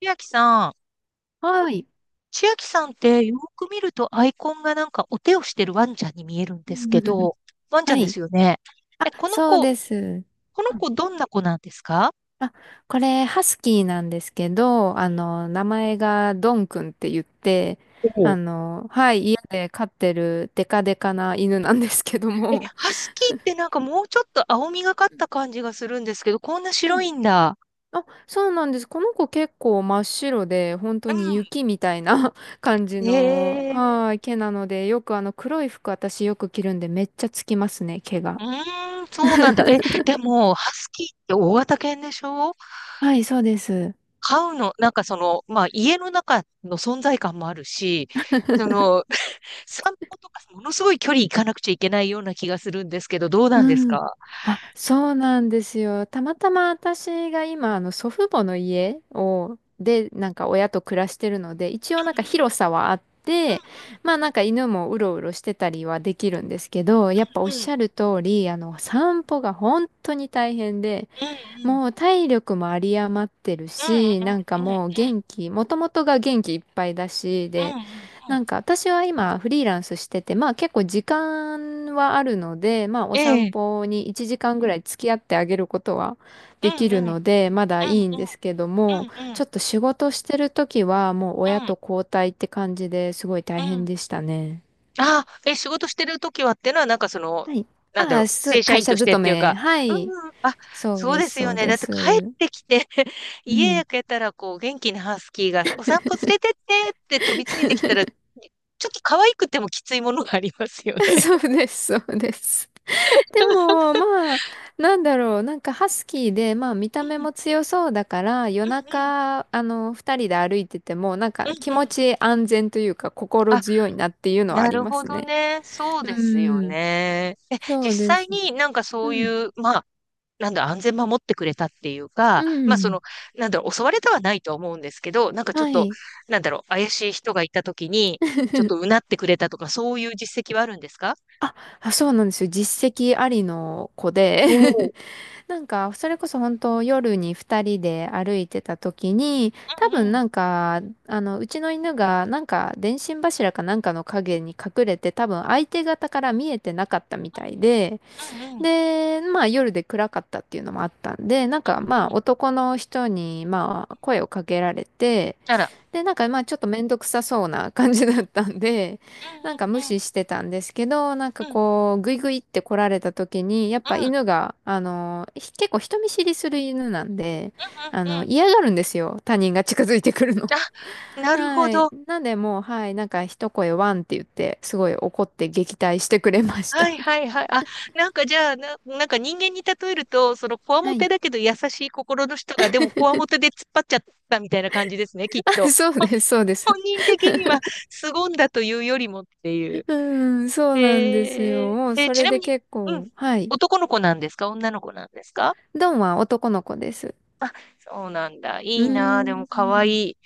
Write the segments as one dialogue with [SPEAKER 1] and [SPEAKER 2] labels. [SPEAKER 1] 千秋さん、
[SPEAKER 2] はい。
[SPEAKER 1] 千秋さんってよく見るとアイコンがなんかお手をしてるワンちゃんに見えるんですけ ど、ワンちゃ
[SPEAKER 2] は
[SPEAKER 1] んで
[SPEAKER 2] い。
[SPEAKER 1] すよね。
[SPEAKER 2] あ、
[SPEAKER 1] え、この
[SPEAKER 2] そう
[SPEAKER 1] 子、
[SPEAKER 2] です。
[SPEAKER 1] この
[SPEAKER 2] うん。
[SPEAKER 1] 子どんな子なんですか？
[SPEAKER 2] あ、これ、ハスキーなんですけど、名前がドンくんって言って、
[SPEAKER 1] おう。
[SPEAKER 2] はい、家で飼ってるデカデカな犬なんですけど
[SPEAKER 1] え、
[SPEAKER 2] も。
[SPEAKER 1] ハスキーってなんかもうちょっと青みがかった感じがするんですけど、こんな
[SPEAKER 2] う
[SPEAKER 1] 白
[SPEAKER 2] ん。
[SPEAKER 1] いんだ。
[SPEAKER 2] あ、そうなんです。この子結構真っ白で、本当に
[SPEAKER 1] う
[SPEAKER 2] 雪みたいな 感じ
[SPEAKER 1] ん。
[SPEAKER 2] の、はい、毛なので、よく黒い服私よく着るんで、めっちゃつきますね、毛が。
[SPEAKER 1] ー、うそうなんだ。え、でも、ハスキーって大型犬でしょ？
[SPEAKER 2] はい、そうです。
[SPEAKER 1] 飼うの、なんかその、まあ家の中の存在感もあるし、その、散歩とかものすごい距離行かなくちゃいけないような気がするんですけど、どう
[SPEAKER 2] う
[SPEAKER 1] なんです
[SPEAKER 2] ん。
[SPEAKER 1] か？
[SPEAKER 2] あ、そうなんですよ。たまたま私が今、祖父母の家を、で、なんか親と暮らしてるので、一応なんか広
[SPEAKER 1] う
[SPEAKER 2] さはあっ
[SPEAKER 1] ん、
[SPEAKER 2] て、
[SPEAKER 1] う
[SPEAKER 2] まあなんか犬もうろうろしてたりはできるんですけど、やっぱおっ
[SPEAKER 1] ん、う
[SPEAKER 2] し
[SPEAKER 1] ん、
[SPEAKER 2] ゃる通り、散歩が本当に大変で、
[SPEAKER 1] うん、うん、
[SPEAKER 2] もう体力も有り余ってるし、なんか
[SPEAKER 1] うん、うん、うん、
[SPEAKER 2] もう
[SPEAKER 1] う
[SPEAKER 2] 元気、もともとが元気いっぱいだし、で、
[SPEAKER 1] ん、うん、
[SPEAKER 2] なんか私は今フリーランスしてて、まあ結構時間はあるので、まあお
[SPEAKER 1] う
[SPEAKER 2] 散
[SPEAKER 1] ん、
[SPEAKER 2] 歩に1時間ぐらい付き合ってあげることは
[SPEAKER 1] う
[SPEAKER 2] でき
[SPEAKER 1] ん、うん、う
[SPEAKER 2] る
[SPEAKER 1] ん、うん、え
[SPEAKER 2] ので、まだい
[SPEAKER 1] え、うん、うん、
[SPEAKER 2] いん
[SPEAKER 1] うん、うん、
[SPEAKER 2] です
[SPEAKER 1] う
[SPEAKER 2] けども、
[SPEAKER 1] ん、うん、
[SPEAKER 2] ちょっと仕事してる時はもう
[SPEAKER 1] う
[SPEAKER 2] 親
[SPEAKER 1] ん、
[SPEAKER 2] と交代って感じですごい大
[SPEAKER 1] う
[SPEAKER 2] 変
[SPEAKER 1] ん。
[SPEAKER 2] でしたね。
[SPEAKER 1] ああ、え、仕事してる時はってのは、なんかその、
[SPEAKER 2] はい。
[SPEAKER 1] なんだ
[SPEAKER 2] あ
[SPEAKER 1] ろう、
[SPEAKER 2] あ、
[SPEAKER 1] 正社
[SPEAKER 2] 会
[SPEAKER 1] 員と
[SPEAKER 2] 社
[SPEAKER 1] してっ
[SPEAKER 2] 勤
[SPEAKER 1] ていう
[SPEAKER 2] め。
[SPEAKER 1] か。
[SPEAKER 2] は
[SPEAKER 1] う
[SPEAKER 2] い。
[SPEAKER 1] ん、うん。あ、
[SPEAKER 2] そう
[SPEAKER 1] そう
[SPEAKER 2] で
[SPEAKER 1] で
[SPEAKER 2] す、
[SPEAKER 1] す
[SPEAKER 2] そ
[SPEAKER 1] よ
[SPEAKER 2] う
[SPEAKER 1] ね。
[SPEAKER 2] で
[SPEAKER 1] だって帰っ
[SPEAKER 2] す。
[SPEAKER 1] てきて
[SPEAKER 2] う
[SPEAKER 1] 家
[SPEAKER 2] ん。
[SPEAKER 1] 焼けたら、こう、元気なハスキーが、お散歩連れてってって飛びついてきた ら、ちょっと可愛くてもきついものがありますよ ね。
[SPEAKER 2] そうです、そうです。で
[SPEAKER 1] う
[SPEAKER 2] も、まあ、なんだろう、なんかハスキーで、まあ、見た目
[SPEAKER 1] ん、うん、
[SPEAKER 2] も強そうだから、夜中、二人で歩いてても、なん
[SPEAKER 1] う
[SPEAKER 2] か
[SPEAKER 1] ん、
[SPEAKER 2] 気
[SPEAKER 1] うん、
[SPEAKER 2] 持
[SPEAKER 1] うん。
[SPEAKER 2] ち安全というか、心
[SPEAKER 1] あ、
[SPEAKER 2] 強いなっていうのはあ
[SPEAKER 1] な
[SPEAKER 2] り
[SPEAKER 1] る
[SPEAKER 2] ま
[SPEAKER 1] ほ
[SPEAKER 2] す
[SPEAKER 1] ど
[SPEAKER 2] ね。
[SPEAKER 1] ね。そう
[SPEAKER 2] う
[SPEAKER 1] ですよ
[SPEAKER 2] ん、
[SPEAKER 1] ね。え、
[SPEAKER 2] そ
[SPEAKER 1] 実
[SPEAKER 2] うで
[SPEAKER 1] 際
[SPEAKER 2] す。
[SPEAKER 1] になんかそ
[SPEAKER 2] う
[SPEAKER 1] う
[SPEAKER 2] ん、
[SPEAKER 1] いう、ま、なんだ安全守ってくれたっていうか、
[SPEAKER 2] う
[SPEAKER 1] まあそ
[SPEAKER 2] ん、
[SPEAKER 1] の、なんだろう、襲われたはないと思うんですけど、なんかちょっ
[SPEAKER 2] は
[SPEAKER 1] と、
[SPEAKER 2] い。
[SPEAKER 1] なんだろう、怪しい人がいたときに、ちょっとう なってくれたとか、そういう実績はあるんですか？
[SPEAKER 2] あ、そうなんですよ。実績ありの子で
[SPEAKER 1] おおー。
[SPEAKER 2] なんか、それこそ本当夜に二人で歩いてた時に、
[SPEAKER 1] う
[SPEAKER 2] 多
[SPEAKER 1] ん、
[SPEAKER 2] 分
[SPEAKER 1] うん、
[SPEAKER 2] なんか、うちの犬がなんか電信柱かなんかの影に隠れて、多分相手方から見えてなかったみたいで、
[SPEAKER 1] うん、うん、
[SPEAKER 2] で、まあ夜で暗かったっていうのもあったんで、なんか
[SPEAKER 1] う
[SPEAKER 2] まあ
[SPEAKER 1] ん。
[SPEAKER 2] 男の人にまあ声をかけられて、
[SPEAKER 1] あら。
[SPEAKER 2] で、なんかまあちょっとめんどくさそうな感じだったんで、
[SPEAKER 1] う ん、
[SPEAKER 2] なんか無
[SPEAKER 1] うん、うん、
[SPEAKER 2] 視してたんですけど、なんか
[SPEAKER 1] うん、うん、
[SPEAKER 2] こう、グイグイって来られた時に、やっ
[SPEAKER 1] う
[SPEAKER 2] ぱ
[SPEAKER 1] ん、
[SPEAKER 2] 犬が、結構人見知りする犬なんで、
[SPEAKER 1] うん。
[SPEAKER 2] 嫌がるんですよ。他人が近づいてくるの。
[SPEAKER 1] あ、なるほ
[SPEAKER 2] はい。
[SPEAKER 1] ど。
[SPEAKER 2] なんでもう、はい、なんか一声ワンって言って、すごい怒って撃退してくれまし
[SPEAKER 1] は
[SPEAKER 2] た。
[SPEAKER 1] い、はい、はい。あ、なんかじゃあ、なんか人間に例えると、そのこわも
[SPEAKER 2] はい。
[SPEAKER 1] てだけど優しい心の人が、でもこわもてで突っ張っちゃったみたいな感じですね、きっと。
[SPEAKER 2] そうです、そうです。
[SPEAKER 1] 本人的には凄んだというよりもってい う。
[SPEAKER 2] うん、そうなんです
[SPEAKER 1] へ
[SPEAKER 2] よ。
[SPEAKER 1] え。
[SPEAKER 2] もう
[SPEAKER 1] え、
[SPEAKER 2] そ
[SPEAKER 1] ち
[SPEAKER 2] れ
[SPEAKER 1] なみ
[SPEAKER 2] で
[SPEAKER 1] に、
[SPEAKER 2] 結
[SPEAKER 1] うん、
[SPEAKER 2] 構、はい。
[SPEAKER 1] 男の子なんですか？女の子なんですか？
[SPEAKER 2] ドンは男の子です。
[SPEAKER 1] そうなんだ。
[SPEAKER 2] う
[SPEAKER 1] い
[SPEAKER 2] ー
[SPEAKER 1] いなあ、でも可
[SPEAKER 2] ん、
[SPEAKER 1] 愛い。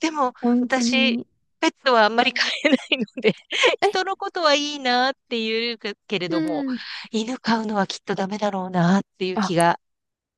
[SPEAKER 1] でも、
[SPEAKER 2] 本当
[SPEAKER 1] 私、
[SPEAKER 2] に。
[SPEAKER 1] ペットはあんまり飼えないので、人
[SPEAKER 2] え、
[SPEAKER 1] のことはいいなあっていうけれ
[SPEAKER 2] う
[SPEAKER 1] ども、
[SPEAKER 2] ん。
[SPEAKER 1] 犬飼うのはきっとダメだろうなあっていう
[SPEAKER 2] あ、
[SPEAKER 1] 気が。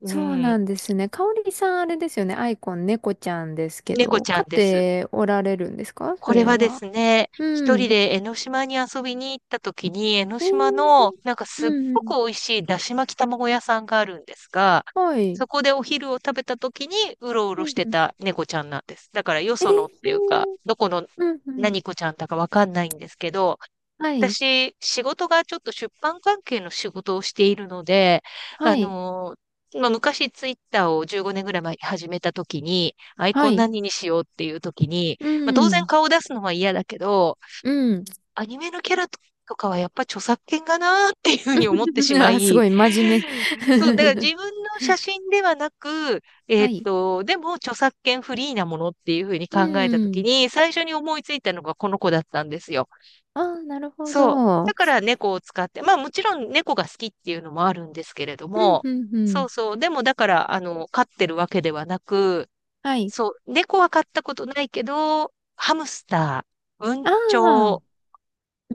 [SPEAKER 1] う
[SPEAKER 2] そう
[SPEAKER 1] ん。
[SPEAKER 2] なんですね。かおりさん、あれですよね。アイコン、猫ちゃんですけ
[SPEAKER 1] 猫
[SPEAKER 2] ど、
[SPEAKER 1] ちゃん
[SPEAKER 2] 飼っ
[SPEAKER 1] です。
[SPEAKER 2] ておられるんですか、そ
[SPEAKER 1] これ
[SPEAKER 2] れ
[SPEAKER 1] はで
[SPEAKER 2] は？
[SPEAKER 1] すね、
[SPEAKER 2] う
[SPEAKER 1] 一
[SPEAKER 2] ん。
[SPEAKER 1] 人で江ノ島に遊びに行った時に、江ノ
[SPEAKER 2] え
[SPEAKER 1] 島の
[SPEAKER 2] ー、
[SPEAKER 1] なんか
[SPEAKER 2] う
[SPEAKER 1] すっ
[SPEAKER 2] んう
[SPEAKER 1] ごく
[SPEAKER 2] ん。
[SPEAKER 1] 美味しいだし巻き卵屋さんがあるんですが、
[SPEAKER 2] はい。
[SPEAKER 1] そこでお昼を食べた時にうろう
[SPEAKER 2] う
[SPEAKER 1] ろし
[SPEAKER 2] ん
[SPEAKER 1] て
[SPEAKER 2] うん。
[SPEAKER 1] た猫ちゃんなんです。だからよ
[SPEAKER 2] えー、
[SPEAKER 1] そのっていうか、どこの
[SPEAKER 2] うんうん。
[SPEAKER 1] 何子ちゃんだかわかんないんですけど、
[SPEAKER 2] はい。
[SPEAKER 1] 私、仕事がちょっと出版関係の仕事をしているので、
[SPEAKER 2] は
[SPEAKER 1] あ
[SPEAKER 2] い。
[SPEAKER 1] のまあ、昔ツイッターを15年ぐらい前に始めた時に、アイ
[SPEAKER 2] は
[SPEAKER 1] コン
[SPEAKER 2] い。
[SPEAKER 1] 何にしようっていう時に、
[SPEAKER 2] う
[SPEAKER 1] まあ、当然
[SPEAKER 2] ん。
[SPEAKER 1] 顔を出すのは嫌だけど、
[SPEAKER 2] うん。
[SPEAKER 1] アニメのキャラとかはやっぱ著作権がなーっていうふうに思ってし ま
[SPEAKER 2] あ、す
[SPEAKER 1] い、
[SPEAKER 2] ごい、真面目。
[SPEAKER 1] そう、だから自分の写真ではなく、
[SPEAKER 2] はい。
[SPEAKER 1] でも著作権フリーなものっていうふうに
[SPEAKER 2] う
[SPEAKER 1] 考えた時
[SPEAKER 2] ん。
[SPEAKER 1] に、最初に思いついたのがこの子だったんですよ。
[SPEAKER 2] あー、なるほ
[SPEAKER 1] そう。
[SPEAKER 2] ど。
[SPEAKER 1] だ
[SPEAKER 2] う
[SPEAKER 1] から猫を使って、まあもちろん猫が好きっていうのもあるんですけれど
[SPEAKER 2] ん
[SPEAKER 1] も、
[SPEAKER 2] うんう
[SPEAKER 1] そう
[SPEAKER 2] ん。
[SPEAKER 1] そう。でもだから、飼ってるわけではなく、
[SPEAKER 2] はい。
[SPEAKER 1] そう、猫は飼ったことないけど、ハムスター、文
[SPEAKER 2] あ
[SPEAKER 1] 鳥
[SPEAKER 2] あ、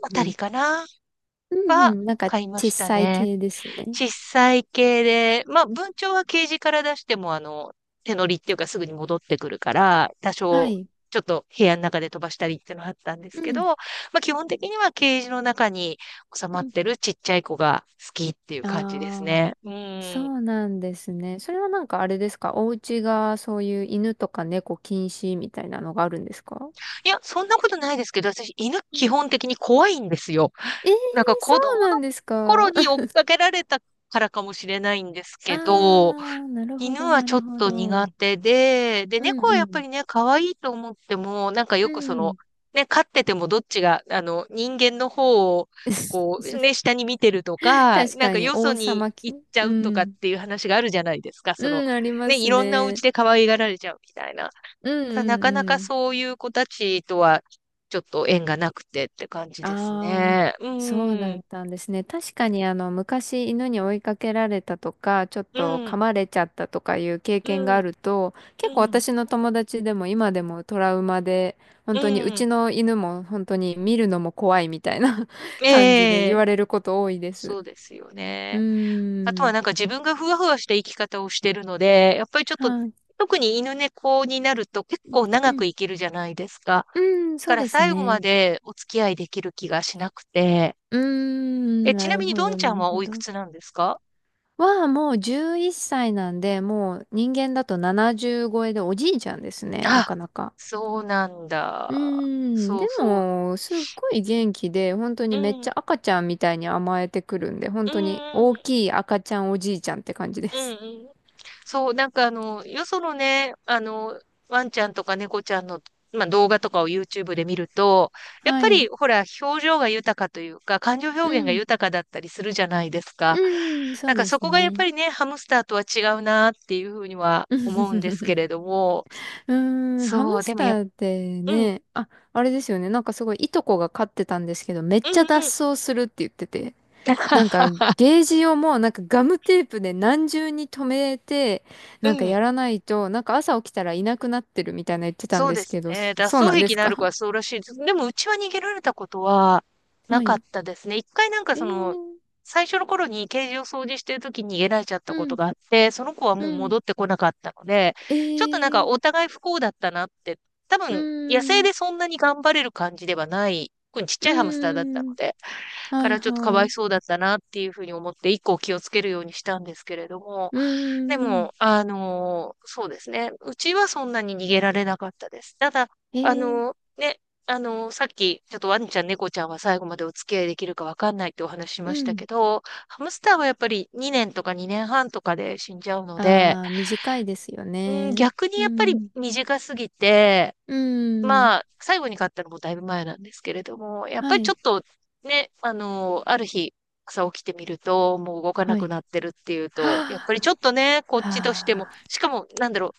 [SPEAKER 1] あた
[SPEAKER 2] う
[SPEAKER 1] り
[SPEAKER 2] ん。
[SPEAKER 1] かな
[SPEAKER 2] うんう
[SPEAKER 1] は
[SPEAKER 2] ん、なんか
[SPEAKER 1] 飼いま
[SPEAKER 2] 小
[SPEAKER 1] した
[SPEAKER 2] さい
[SPEAKER 1] ね。
[SPEAKER 2] 系ですね。
[SPEAKER 1] 小さい系で、まあ、文鳥はケージから出しても、手乗りっていうかすぐに戻ってくるから、多
[SPEAKER 2] は
[SPEAKER 1] 少、
[SPEAKER 2] い。
[SPEAKER 1] ちょっと部屋の中で飛ばしたりっていうのはあったんです
[SPEAKER 2] う
[SPEAKER 1] けど、
[SPEAKER 2] ん。
[SPEAKER 1] まあ、基本的にはケージの中に収ま
[SPEAKER 2] う
[SPEAKER 1] っ
[SPEAKER 2] ん。
[SPEAKER 1] てるちっちゃい子が好きっていう感じです
[SPEAKER 2] ああ、
[SPEAKER 1] ね。うん。
[SPEAKER 2] そ
[SPEAKER 1] い
[SPEAKER 2] うなんですね。それはなんかあれですかお家がそういう犬とか猫禁止みたいなのがあるんですか？
[SPEAKER 1] や、そんなことないですけど、私、犬
[SPEAKER 2] うん。
[SPEAKER 1] 基本的に怖いんですよ。
[SPEAKER 2] ええ。
[SPEAKER 1] なんか
[SPEAKER 2] そ
[SPEAKER 1] 子供
[SPEAKER 2] うなん
[SPEAKER 1] の
[SPEAKER 2] です
[SPEAKER 1] 頃
[SPEAKER 2] か？
[SPEAKER 1] に 追っかけられたからかもしれないんです
[SPEAKER 2] あ
[SPEAKER 1] けど、
[SPEAKER 2] あ、なるほ
[SPEAKER 1] 犬
[SPEAKER 2] ど、
[SPEAKER 1] は
[SPEAKER 2] な
[SPEAKER 1] ちょ
[SPEAKER 2] る
[SPEAKER 1] っ
[SPEAKER 2] ほ
[SPEAKER 1] と
[SPEAKER 2] ど。う
[SPEAKER 1] 苦
[SPEAKER 2] ん
[SPEAKER 1] 手で、で、
[SPEAKER 2] う
[SPEAKER 1] 猫はやっぱ
[SPEAKER 2] ん。
[SPEAKER 1] りね、可愛いと思っても、なんか
[SPEAKER 2] う
[SPEAKER 1] よくその、
[SPEAKER 2] ん。
[SPEAKER 1] ね、飼っててもどっちが、人間の方を、こう、ね、下に見てるとか、
[SPEAKER 2] 確
[SPEAKER 1] なん
[SPEAKER 2] か
[SPEAKER 1] か
[SPEAKER 2] に、
[SPEAKER 1] よそ
[SPEAKER 2] 王
[SPEAKER 1] に
[SPEAKER 2] 様き、
[SPEAKER 1] 行っちゃ
[SPEAKER 2] う
[SPEAKER 1] うとかっ
[SPEAKER 2] ん。
[SPEAKER 1] ていう話があるじゃないですか。その、
[SPEAKER 2] うん、ありま
[SPEAKER 1] ね、い
[SPEAKER 2] す
[SPEAKER 1] ろんなお家
[SPEAKER 2] ね。
[SPEAKER 1] で可愛がられちゃうみたいな。
[SPEAKER 2] うん
[SPEAKER 1] ただ、な
[SPEAKER 2] うん
[SPEAKER 1] かなか
[SPEAKER 2] うん。
[SPEAKER 1] そういう子たちとは、ちょっと縁がなくてって感じです
[SPEAKER 2] ああ、
[SPEAKER 1] ね。うん、
[SPEAKER 2] そう
[SPEAKER 1] う
[SPEAKER 2] だ
[SPEAKER 1] ん、
[SPEAKER 2] ったんですね。確かにあの昔犬に追いかけられたとか、ちょっ
[SPEAKER 1] う
[SPEAKER 2] と噛
[SPEAKER 1] ん、
[SPEAKER 2] まれちゃったとかいう経験があると、
[SPEAKER 1] う
[SPEAKER 2] 結構
[SPEAKER 1] ん、
[SPEAKER 2] 私の友達でも今でもトラウマで、本
[SPEAKER 1] う
[SPEAKER 2] 当にう
[SPEAKER 1] ん。
[SPEAKER 2] ちの犬も本当に見るのも怖いみたいな 感じで
[SPEAKER 1] え
[SPEAKER 2] 言
[SPEAKER 1] え、
[SPEAKER 2] われること多いで
[SPEAKER 1] そ
[SPEAKER 2] す。
[SPEAKER 1] うですよ
[SPEAKER 2] う
[SPEAKER 1] ね。あと
[SPEAKER 2] ー
[SPEAKER 1] は
[SPEAKER 2] ん。
[SPEAKER 1] なんか自分がふわふわした生き方をしてるので、やっぱりちょっと、
[SPEAKER 2] はい。
[SPEAKER 1] 特に犬猫になると結構
[SPEAKER 2] う
[SPEAKER 1] 長く
[SPEAKER 2] ん。
[SPEAKER 1] 生きるじゃないですか。だ
[SPEAKER 2] うーん、そ
[SPEAKER 1] か
[SPEAKER 2] う
[SPEAKER 1] ら
[SPEAKER 2] です
[SPEAKER 1] 最後ま
[SPEAKER 2] ね。
[SPEAKER 1] でお付き合いできる気がしなくて。
[SPEAKER 2] うー
[SPEAKER 1] え、
[SPEAKER 2] ん、
[SPEAKER 1] ち
[SPEAKER 2] な
[SPEAKER 1] なみ
[SPEAKER 2] る
[SPEAKER 1] に
[SPEAKER 2] ほ
[SPEAKER 1] ドン
[SPEAKER 2] ど、
[SPEAKER 1] ちゃ
[SPEAKER 2] な
[SPEAKER 1] ん
[SPEAKER 2] る
[SPEAKER 1] は
[SPEAKER 2] ほ
[SPEAKER 1] おいく
[SPEAKER 2] ど。
[SPEAKER 1] つなんですか？
[SPEAKER 2] はもう11歳なんで、もう人間だと70超えでおじいちゃんですね、な
[SPEAKER 1] あ、
[SPEAKER 2] かなか。
[SPEAKER 1] そうなん
[SPEAKER 2] う
[SPEAKER 1] だ。
[SPEAKER 2] ーん、
[SPEAKER 1] そ
[SPEAKER 2] で
[SPEAKER 1] うそう。
[SPEAKER 2] も、すっごい元気で、本当
[SPEAKER 1] う
[SPEAKER 2] にめっ
[SPEAKER 1] ん、う
[SPEAKER 2] ち
[SPEAKER 1] ん、
[SPEAKER 2] ゃ赤ちゃんみたいに甘えてくるんで、本
[SPEAKER 1] う
[SPEAKER 2] 当に大
[SPEAKER 1] ん、
[SPEAKER 2] きい赤ちゃんおじいちゃんって感じで
[SPEAKER 1] うん、う
[SPEAKER 2] す。
[SPEAKER 1] ん。そう、なんかよそのね、ワンちゃんとか猫ちゃんの、まあ、動画とかを YouTube で見ると、やっ
[SPEAKER 2] は
[SPEAKER 1] ぱり
[SPEAKER 2] い。
[SPEAKER 1] ほら、表情が豊かというか、感情
[SPEAKER 2] う
[SPEAKER 1] 表現が
[SPEAKER 2] ん。
[SPEAKER 1] 豊かだったりするじゃないですか。
[SPEAKER 2] うん、そ
[SPEAKER 1] な
[SPEAKER 2] う
[SPEAKER 1] んか
[SPEAKER 2] で
[SPEAKER 1] そ
[SPEAKER 2] す
[SPEAKER 1] こがやっ
[SPEAKER 2] ね。
[SPEAKER 1] ぱりね、ハムスターとは違うなっていうふうには思うんで すけれども、
[SPEAKER 2] うーん、ハム
[SPEAKER 1] そう、で
[SPEAKER 2] ス
[SPEAKER 1] も
[SPEAKER 2] タ
[SPEAKER 1] やっ、
[SPEAKER 2] ーって
[SPEAKER 1] ぱうん、
[SPEAKER 2] ね、あ、あれですよね。なんかすごいいとこが飼ってたんですけど、めっ
[SPEAKER 1] う
[SPEAKER 2] ちゃ
[SPEAKER 1] ん、うん。
[SPEAKER 2] 脱走するって言ってて。なんか ゲージをもうなんかガムテープで何重に留めて
[SPEAKER 1] う
[SPEAKER 2] なんか
[SPEAKER 1] ん。
[SPEAKER 2] やらないとなんか朝起きたらいなくなってるみたいな言ってたん
[SPEAKER 1] そう
[SPEAKER 2] で
[SPEAKER 1] で
[SPEAKER 2] す
[SPEAKER 1] す
[SPEAKER 2] けど、
[SPEAKER 1] ね。
[SPEAKER 2] そう
[SPEAKER 1] 脱
[SPEAKER 2] なん
[SPEAKER 1] 走
[SPEAKER 2] で
[SPEAKER 1] 癖
[SPEAKER 2] す
[SPEAKER 1] のある
[SPEAKER 2] か？
[SPEAKER 1] 子はそうらしいです。でも、うちは逃げられたことは な
[SPEAKER 2] は
[SPEAKER 1] かっ
[SPEAKER 2] い。
[SPEAKER 1] たですね。一回なんか
[SPEAKER 2] え
[SPEAKER 1] そ
[SPEAKER 2] ー、
[SPEAKER 1] の、最初の頃にケージを掃除してる時に逃げられちゃった
[SPEAKER 2] う
[SPEAKER 1] こと
[SPEAKER 2] ん、
[SPEAKER 1] があって、その子は
[SPEAKER 2] う
[SPEAKER 1] もう
[SPEAKER 2] ん、
[SPEAKER 1] 戻ってこなかったので、
[SPEAKER 2] え
[SPEAKER 1] ちょっとなんか
[SPEAKER 2] ー、
[SPEAKER 1] お互い不幸だったなって、多
[SPEAKER 2] う
[SPEAKER 1] 分、野生
[SPEAKER 2] ん、
[SPEAKER 1] でそんなに頑張れる感じではない、特にちっちゃ
[SPEAKER 2] う
[SPEAKER 1] いハムスターだったの
[SPEAKER 2] ん、
[SPEAKER 1] で、
[SPEAKER 2] は
[SPEAKER 1] か
[SPEAKER 2] い
[SPEAKER 1] らちょっとか
[SPEAKER 2] は
[SPEAKER 1] わい
[SPEAKER 2] い、
[SPEAKER 1] そうだったなっていうふうに思って、以降気をつけるようにしたんですけれども、
[SPEAKER 2] う
[SPEAKER 1] で
[SPEAKER 2] ん、
[SPEAKER 1] も、そうですね。うちはそんなに逃げられなかったです。ただ、
[SPEAKER 2] え
[SPEAKER 1] あ
[SPEAKER 2] ー、
[SPEAKER 1] のね、さっき、ちょっとワンちゃん、猫ちゃんは最後までお付き合いできるかわかんないってお話しし
[SPEAKER 2] う
[SPEAKER 1] ました
[SPEAKER 2] ん。
[SPEAKER 1] けど、ハムスターはやっぱり2年とか2年半とかで死んじゃうので、
[SPEAKER 2] ああ、短いですよ
[SPEAKER 1] うん、
[SPEAKER 2] ね。
[SPEAKER 1] 逆に
[SPEAKER 2] う
[SPEAKER 1] やっぱり
[SPEAKER 2] ん、
[SPEAKER 1] 短すぎて、
[SPEAKER 2] うん、
[SPEAKER 1] まあ、最後に買ったのもだいぶ前なんですけれども、やっぱ
[SPEAKER 2] は
[SPEAKER 1] りちょ
[SPEAKER 2] い、
[SPEAKER 1] っとね、ある日、朝起きてみると、もう動かな
[SPEAKER 2] は
[SPEAKER 1] く
[SPEAKER 2] い。
[SPEAKER 1] なってるっていうと、やっぱりちょ
[SPEAKER 2] は
[SPEAKER 1] っとね、こ
[SPEAKER 2] あ、
[SPEAKER 1] っちとしても、
[SPEAKER 2] は
[SPEAKER 1] しかも、なんだろう、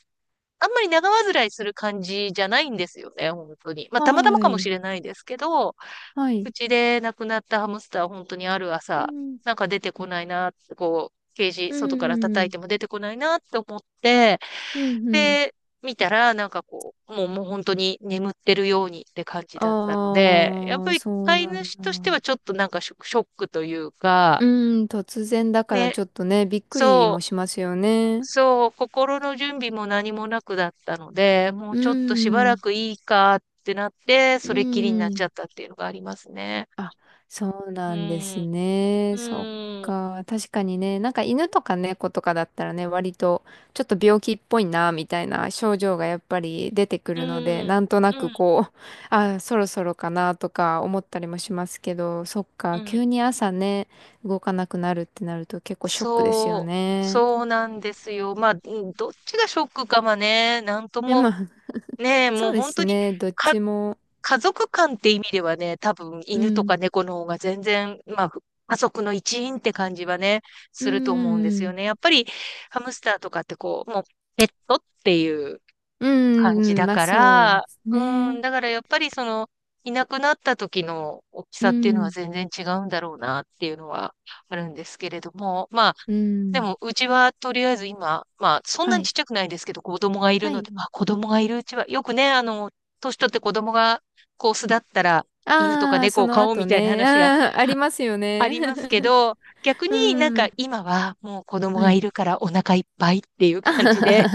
[SPEAKER 1] あんまり長患いする感じじゃないんですよね、本当に。まあ、
[SPEAKER 2] あ、
[SPEAKER 1] たまたま
[SPEAKER 2] は
[SPEAKER 1] かもし
[SPEAKER 2] い、
[SPEAKER 1] れないですけど、
[SPEAKER 2] はい。
[SPEAKER 1] うちで亡くなったハムスター、本当にある
[SPEAKER 2] う
[SPEAKER 1] 朝、
[SPEAKER 2] ん
[SPEAKER 1] なんか出てこないな、こう、ケージ、
[SPEAKER 2] う
[SPEAKER 1] 外から叩い
[SPEAKER 2] ん、
[SPEAKER 1] ても出てこないなって思って、
[SPEAKER 2] うん、
[SPEAKER 1] っ
[SPEAKER 2] うん。
[SPEAKER 1] てみたら、なんかこう、もう本当に眠ってるようにって感じだったので、やっ
[SPEAKER 2] あ
[SPEAKER 1] ぱ
[SPEAKER 2] あ、
[SPEAKER 1] り
[SPEAKER 2] そう
[SPEAKER 1] 飼い
[SPEAKER 2] なん
[SPEAKER 1] 主として
[SPEAKER 2] だ。
[SPEAKER 1] はちょっとなんかショックというか、
[SPEAKER 2] うん、突然だから
[SPEAKER 1] ね、
[SPEAKER 2] ちょっとね、びっくり
[SPEAKER 1] そ
[SPEAKER 2] もしますよ
[SPEAKER 1] う、
[SPEAKER 2] ね。
[SPEAKER 1] そう、心の準備も何もなくだったので、もう
[SPEAKER 2] う
[SPEAKER 1] ちょっとしばら
[SPEAKER 2] ん、
[SPEAKER 1] くいいかってなって、
[SPEAKER 2] う
[SPEAKER 1] それっきりになっち
[SPEAKER 2] ん。
[SPEAKER 1] ゃったっていうのがありますね。
[SPEAKER 2] あ、そう
[SPEAKER 1] う
[SPEAKER 2] なんです
[SPEAKER 1] ん、
[SPEAKER 2] ね。そっ
[SPEAKER 1] うん、
[SPEAKER 2] か。確かにね、なんか犬とか猫とかだったらね、割とちょっと病気っぽいな、みたいな症状がやっぱり出てく
[SPEAKER 1] う
[SPEAKER 2] るので、
[SPEAKER 1] ん、
[SPEAKER 2] なんとな
[SPEAKER 1] う
[SPEAKER 2] く
[SPEAKER 1] ん、
[SPEAKER 2] こう、あ、そろそろかなとか思ったりもしますけど、そっ
[SPEAKER 1] う
[SPEAKER 2] か。
[SPEAKER 1] ん。
[SPEAKER 2] 急に朝ね、動かなくなるってなると結構ショックですよ
[SPEAKER 1] そう、
[SPEAKER 2] ね。
[SPEAKER 1] そうなんですよ。まあ、うん、どっちがショックかはね、なんと
[SPEAKER 2] え、
[SPEAKER 1] も
[SPEAKER 2] まあ、
[SPEAKER 1] ねえ、
[SPEAKER 2] そ
[SPEAKER 1] もう
[SPEAKER 2] うで
[SPEAKER 1] 本当
[SPEAKER 2] す
[SPEAKER 1] に、
[SPEAKER 2] ね。どっ
[SPEAKER 1] か、
[SPEAKER 2] ちも。
[SPEAKER 1] 家族間って意味ではね、多分
[SPEAKER 2] う
[SPEAKER 1] 犬と
[SPEAKER 2] ん。
[SPEAKER 1] か猫の方が全然、まあ、家族の一員って感じはね、
[SPEAKER 2] う
[SPEAKER 1] すると思うんですよ
[SPEAKER 2] ん。
[SPEAKER 1] ね。やっぱり、ハムスターとかってこう、もう、ペットっていう
[SPEAKER 2] う
[SPEAKER 1] 感
[SPEAKER 2] ん。
[SPEAKER 1] じ
[SPEAKER 2] うん。
[SPEAKER 1] だ
[SPEAKER 2] まあ
[SPEAKER 1] か
[SPEAKER 2] そうで
[SPEAKER 1] ら、
[SPEAKER 2] す
[SPEAKER 1] う
[SPEAKER 2] ね。
[SPEAKER 1] ん、だからやっぱりその、いなくなった時の大き
[SPEAKER 2] う
[SPEAKER 1] さっていうのは
[SPEAKER 2] ん。
[SPEAKER 1] 全然違うんだろうなっていうのはあるんですけれども、まあ、
[SPEAKER 2] う
[SPEAKER 1] で
[SPEAKER 2] ん。
[SPEAKER 1] も、うちはとりあえず今、まあ、そんな
[SPEAKER 2] は
[SPEAKER 1] にち
[SPEAKER 2] い。
[SPEAKER 1] っちゃくないですけど、子供がいる
[SPEAKER 2] は
[SPEAKER 1] の
[SPEAKER 2] い。
[SPEAKER 1] で、まあ、子供がいるうちは、よくね、年取って子供が、こう、巣立ったら、犬とか
[SPEAKER 2] ああ、
[SPEAKER 1] 猫
[SPEAKER 2] そ
[SPEAKER 1] を
[SPEAKER 2] の
[SPEAKER 1] 飼おう
[SPEAKER 2] 後
[SPEAKER 1] みたいな
[SPEAKER 2] ね。
[SPEAKER 1] 話が
[SPEAKER 2] ああ、ありますよ
[SPEAKER 1] あ
[SPEAKER 2] ね。
[SPEAKER 1] りますけ ど、逆
[SPEAKER 2] う
[SPEAKER 1] になんか
[SPEAKER 2] ん。
[SPEAKER 1] 今はもう子供
[SPEAKER 2] は
[SPEAKER 1] がい
[SPEAKER 2] い。
[SPEAKER 1] るからお腹いっぱいっていう感じで、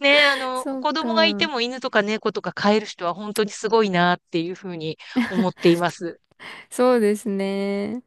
[SPEAKER 1] ね、
[SPEAKER 2] そう
[SPEAKER 1] 子供がいて
[SPEAKER 2] か。
[SPEAKER 1] も犬とか猫とか飼える人は本当にすごいなっていうふうに思っています。
[SPEAKER 2] そうですね。